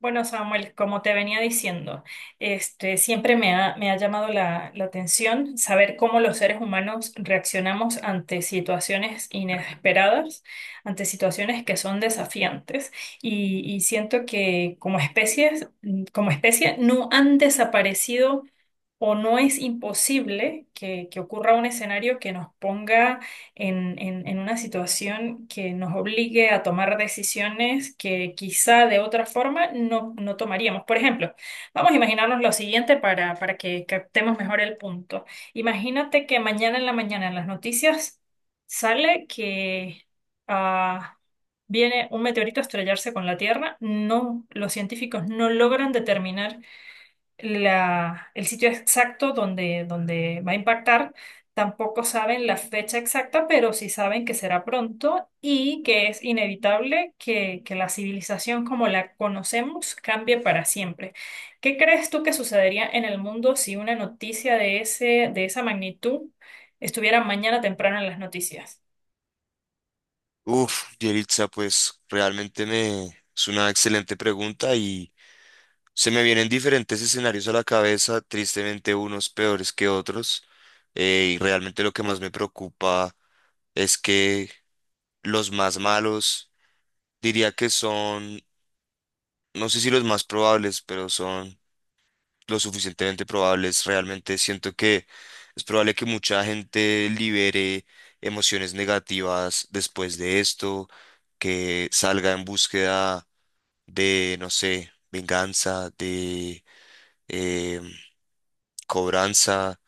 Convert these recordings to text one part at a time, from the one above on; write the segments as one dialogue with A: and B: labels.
A: Bueno, Samuel, como te venía diciendo, siempre me ha llamado la atención saber cómo los seres humanos reaccionamos ante situaciones inesperadas, ante situaciones que son desafiantes, y siento que como especies, como especie no han desaparecido o no es imposible que ocurra un escenario que nos ponga en una situación que nos obligue a tomar decisiones que quizá de otra forma no tomaríamos. Por ejemplo, vamos a imaginarnos lo siguiente para que captemos mejor el punto. Imagínate que mañana en la mañana en las noticias sale que... ah, viene un meteorito a estrellarse con la Tierra, no, los científicos no logran determinar el sitio exacto donde va a impactar. Tampoco saben la fecha exacta, pero sí saben que será pronto y que es inevitable que la civilización como la conocemos cambie para siempre. ¿Qué crees tú que sucedería en el mundo si una noticia de de esa magnitud estuviera mañana temprano en las noticias?
B: Uf, Yelitza, pues realmente me es una excelente pregunta y se me vienen diferentes escenarios a la cabeza, tristemente unos peores que otros. Y realmente lo que más me preocupa es que los más malos, diría que son, no sé si los más probables, pero son lo suficientemente probables. Realmente siento que es probable que mucha gente libere emociones negativas después de esto, que salga en búsqueda de, no sé, venganza, de eh, cobranza,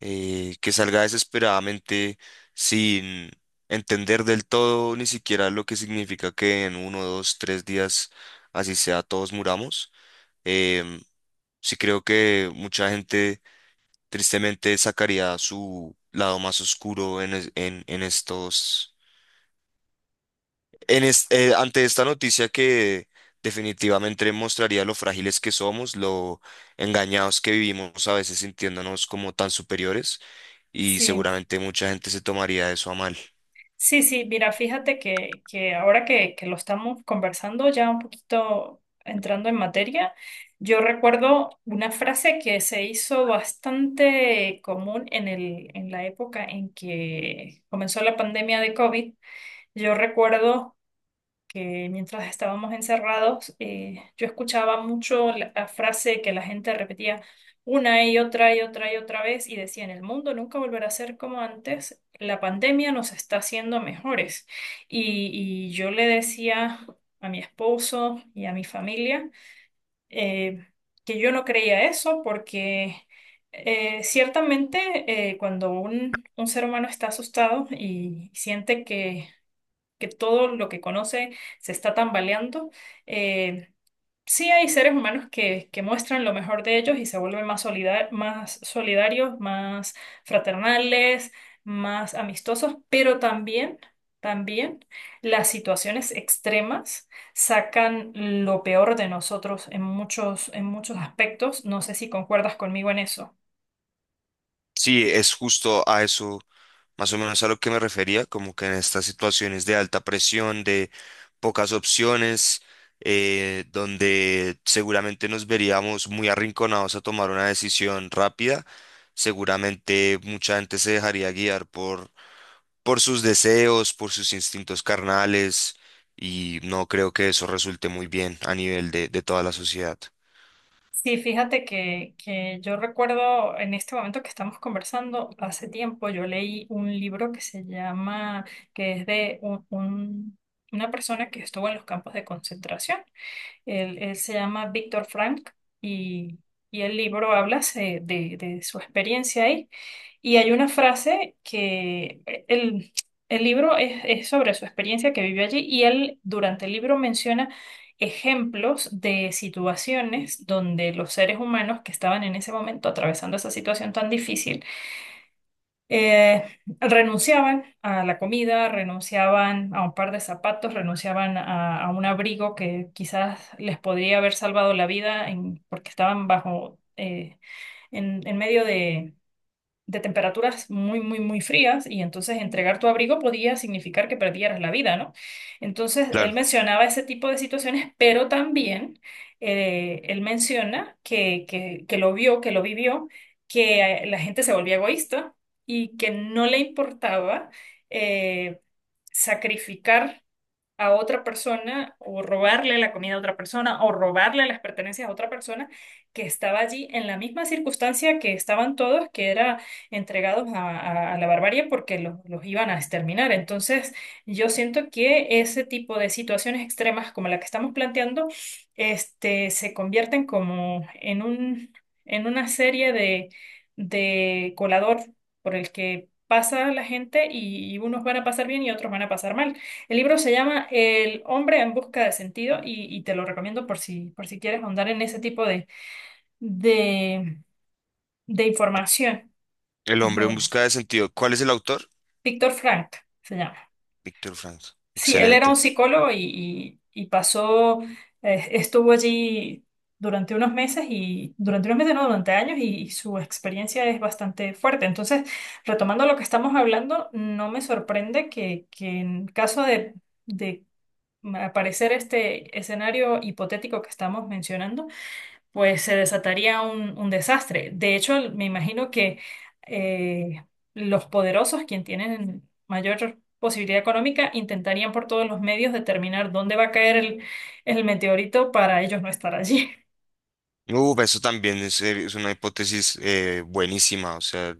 B: que salga desesperadamente sin entender del todo ni siquiera lo que significa que en uno, dos, tres días, así sea, todos muramos. Em, sí creo que mucha gente tristemente sacaría su lado más oscuro en, es- en estos En es- ante esta noticia que definitivamente mostraría lo frágiles que somos, lo engañados que vivimos a veces sintiéndonos como tan superiores, y
A: Sí.
B: seguramente mucha gente se tomaría eso a mal.
A: Sí, sí, mira, fíjate que ahora que lo estamos conversando, ya un poquito entrando en materia, yo recuerdo una frase que se hizo bastante común en en la época en que comenzó la pandemia de COVID. Yo recuerdo que mientras estábamos encerrados, yo escuchaba mucho la frase que la gente repetía una y otra y otra y otra vez y decían, el mundo nunca volverá a ser como antes, la pandemia nos está haciendo mejores. Y yo le decía a mi esposo y a mi familia eh, que yo no creía eso porque... ciertamente, cuando un ser humano está asustado y siente que todo lo que conoce se está tambaleando. Eh, sí hay seres humanos que muestran lo mejor de ellos y se vuelven más solidarios, más fraternales, más amistosos, pero también, también las situaciones extremas sacan lo peor de nosotros en muchos aspectos. No sé si concuerdas conmigo en eso.
B: Sí, es justo a eso, más o menos a lo que me refería, como que en estas situaciones de alta presión, de pocas opciones, donde seguramente nos veríamos muy arrinconados a tomar una decisión rápida, seguramente mucha gente se dejaría guiar por sus deseos, por sus instintos carnales, y no creo que eso resulte muy bien a nivel de toda la sociedad.
A: Sí, fíjate que yo recuerdo en este momento que estamos conversando, hace tiempo yo leí un libro que se llama, que es de una persona que estuvo en los campos de concentración. Él se llama Víctor Frank y, y el libro habla de su experiencia ahí. Y hay una frase que el libro es sobre su experiencia que vivió allí y él durante el libro menciona ejemplos de situaciones donde los seres humanos que estaban en ese momento atravesando esa situación tan difícil eh, renunciaban a la comida, renunciaban a un par de zapatos, renunciaban a un abrigo que quizás les podría haber salvado la vida porque estaban bajo, en medio de temperaturas muy, muy, muy frías y entonces entregar tu abrigo podía significar que perdieras la vida, ¿no? Entonces, él
B: Claro.
A: mencionaba ese tipo de situaciones, pero también él menciona que lo vio, que lo vivió, que la gente se volvía egoísta y que no le importaba eh, sacrificar a otra persona o robarle la comida a otra persona o robarle las pertenencias a otra persona que estaba allí en la misma circunstancia que estaban todos, que era entregados a la barbarie porque los iban a exterminar. Entonces, yo siento que ese tipo de situaciones extremas como la que estamos planteando, se convierten como en en una serie de colador por el que pasa la gente y unos van a pasar bien y otros van a pasar mal. El libro se llama El hombre en busca de sentido y te lo recomiendo por si quieres ahondar en ese tipo de, de información.
B: El
A: Es muy
B: hombre en
A: buena.
B: busca de sentido. ¿Cuál es el autor?
A: Víctor Frank se llama.
B: Víctor Frank.
A: Sí, él era un
B: Excelente.
A: psicólogo y pasó, estuvo allí durante unos meses y durante unos meses, no, durante años y su experiencia es bastante fuerte. Entonces, retomando lo que estamos hablando, no me sorprende que en caso de aparecer este escenario hipotético que estamos mencionando, pues se desataría un desastre. De hecho, me imagino que eh, los poderosos, quien tienen mayor posibilidad económica, intentarían por todos los medios determinar dónde va a caer el meteorito para ellos no estar allí.
B: Eso también es una hipótesis buenísima. O sea,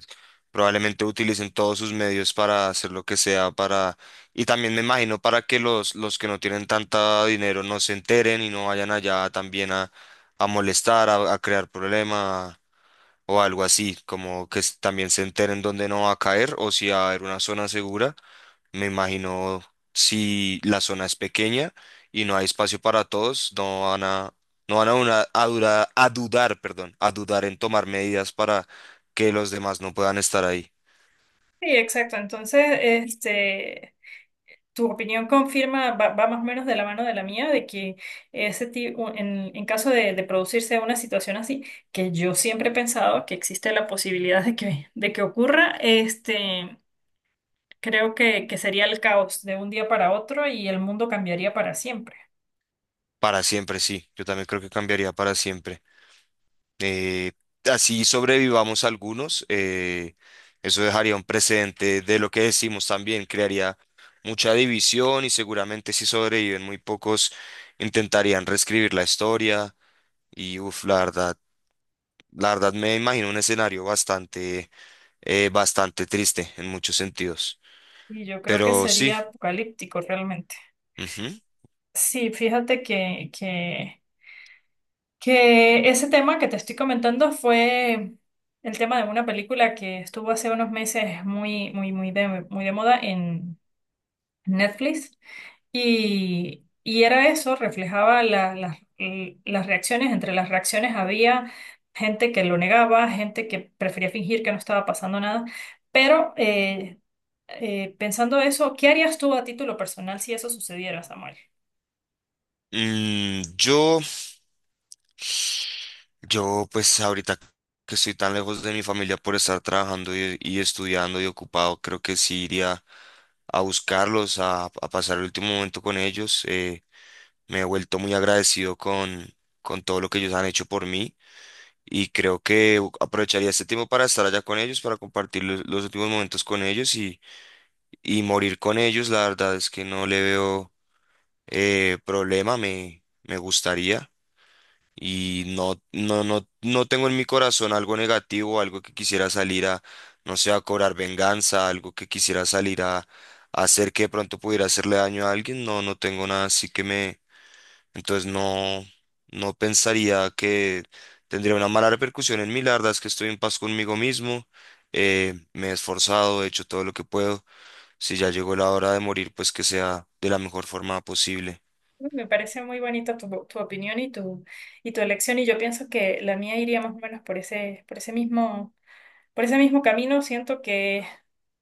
B: probablemente utilicen todos sus medios para hacer lo que sea para... Y también me imagino para que los que no tienen tanta dinero no se enteren y no vayan allá también a molestar, a crear problemas o algo así, como que también se enteren dónde no va a caer o si va a haber una zona segura. Me imagino, si la zona es pequeña y no hay espacio para todos, no van a, no van a, una- a, perdón, a dudar en tomar medidas para que los demás no puedan estar ahí.
A: Sí, exacto. Entonces, tu opinión confirma, va, va más o menos de la mano de la mía, de que ese tipo, en caso de producirse una situación así, que yo siempre he pensado que existe la posibilidad de que ocurra, creo que sería el caos de un día para otro y el mundo cambiaría para siempre.
B: Para siempre, sí. Yo también creo que cambiaría para siempre. Eh, Así sobrevivamos algunos. Eso dejaría un precedente de lo que decimos también, crearía mucha división y, seguramente, si sobreviven muy pocos, intentarían reescribir la historia. Y la verdad, me imagino un escenario bastante triste en muchos sentidos.
A: Y yo creo que
B: Pero sí,
A: sería apocalíptico realmente.
B: ujú.
A: Sí, fíjate que que ese tema que te estoy comentando fue el tema de una película que estuvo hace unos meses muy, muy, muy de moda en Netflix y era eso, reflejaba las reacciones, entre las reacciones había gente que lo negaba, gente que prefería fingir que no estaba pasando nada, pero pensando eso, ¿qué harías tú a título personal si eso sucediera, Samuel?
B: Mm, yo, yo pues ahorita que estoy tan lejos de mi familia por estar trabajando y estudiando y ocupado, creo que sí iría a buscarlos, a pasar el último momento con ellos. Me he vuelto muy agradecido con todo lo que ellos han hecho por mí, y creo que aprovecharía este tiempo para estar allá con ellos, para compartir los últimos momentos con ellos y morir con ellos. La verdad es que no le veo problema, me gustaría. Y no, no, no, no tengo en mi corazón algo negativo, algo que quisiera salir a, no sé, a cobrar venganza, algo que quisiera salir a hacer que de pronto pudiera hacerle daño a alguien. No, no tengo nada así que entonces no, no pensaría que tendría una mala repercusión en mí. La verdad es que estoy en paz conmigo mismo. Me he esforzado, he hecho todo lo que puedo, si ya llegó la hora de morir, pues que sea de la mejor forma posible.
A: Me parece muy bonita tu opinión y tu elección, y yo pienso que la mía iría más o menos por por ese mismo camino. Siento que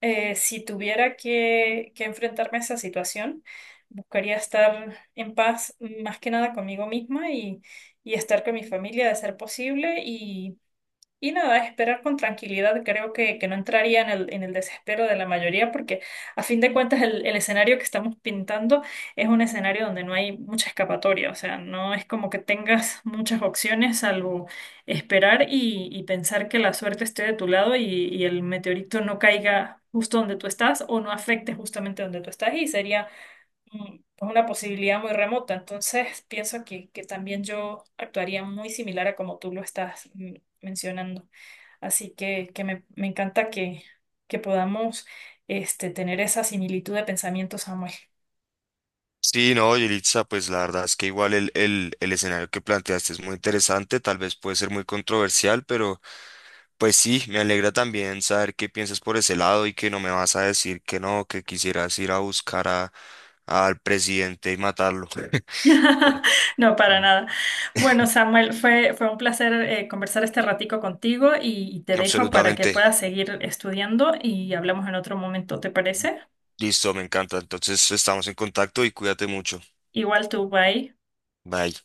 A: si tuviera que enfrentarme a esa situación, buscaría estar en paz más que nada conmigo misma y estar con mi familia de ser posible y nada, esperar con tranquilidad, creo que no entraría en en el desespero de la mayoría, porque a fin de cuentas el escenario que estamos pintando es un escenario donde no hay mucha escapatoria, o sea, no es como que tengas muchas opciones salvo esperar y pensar que la suerte esté de tu lado y el meteorito no caiga justo donde tú estás o no afecte justamente donde tú estás y sería pues una posibilidad muy remota. Entonces, pienso que también yo actuaría muy similar a como tú lo estás mencionando. Así que me encanta que podamos tener esa similitud de pensamiento, Samuel.
B: Sí, no, Yelitza, pues la verdad es que igual el escenario que planteaste es muy interesante, tal vez puede ser muy controversial, pero pues sí, me alegra también saber qué piensas por ese lado y que no me vas a decir que no, que quisieras ir a buscar al presidente y matarlo. Bueno,
A: No, para
B: mm,
A: nada. Bueno, Samuel, fue, fue un placer conversar este ratico contigo y te dejo para que
B: absolutamente.
A: puedas seguir estudiando y hablamos en otro momento, ¿te parece?
B: Listo, me encanta. Entonces estamos en contacto y cuídate mucho.
A: Igual tú, bye.
B: Bye.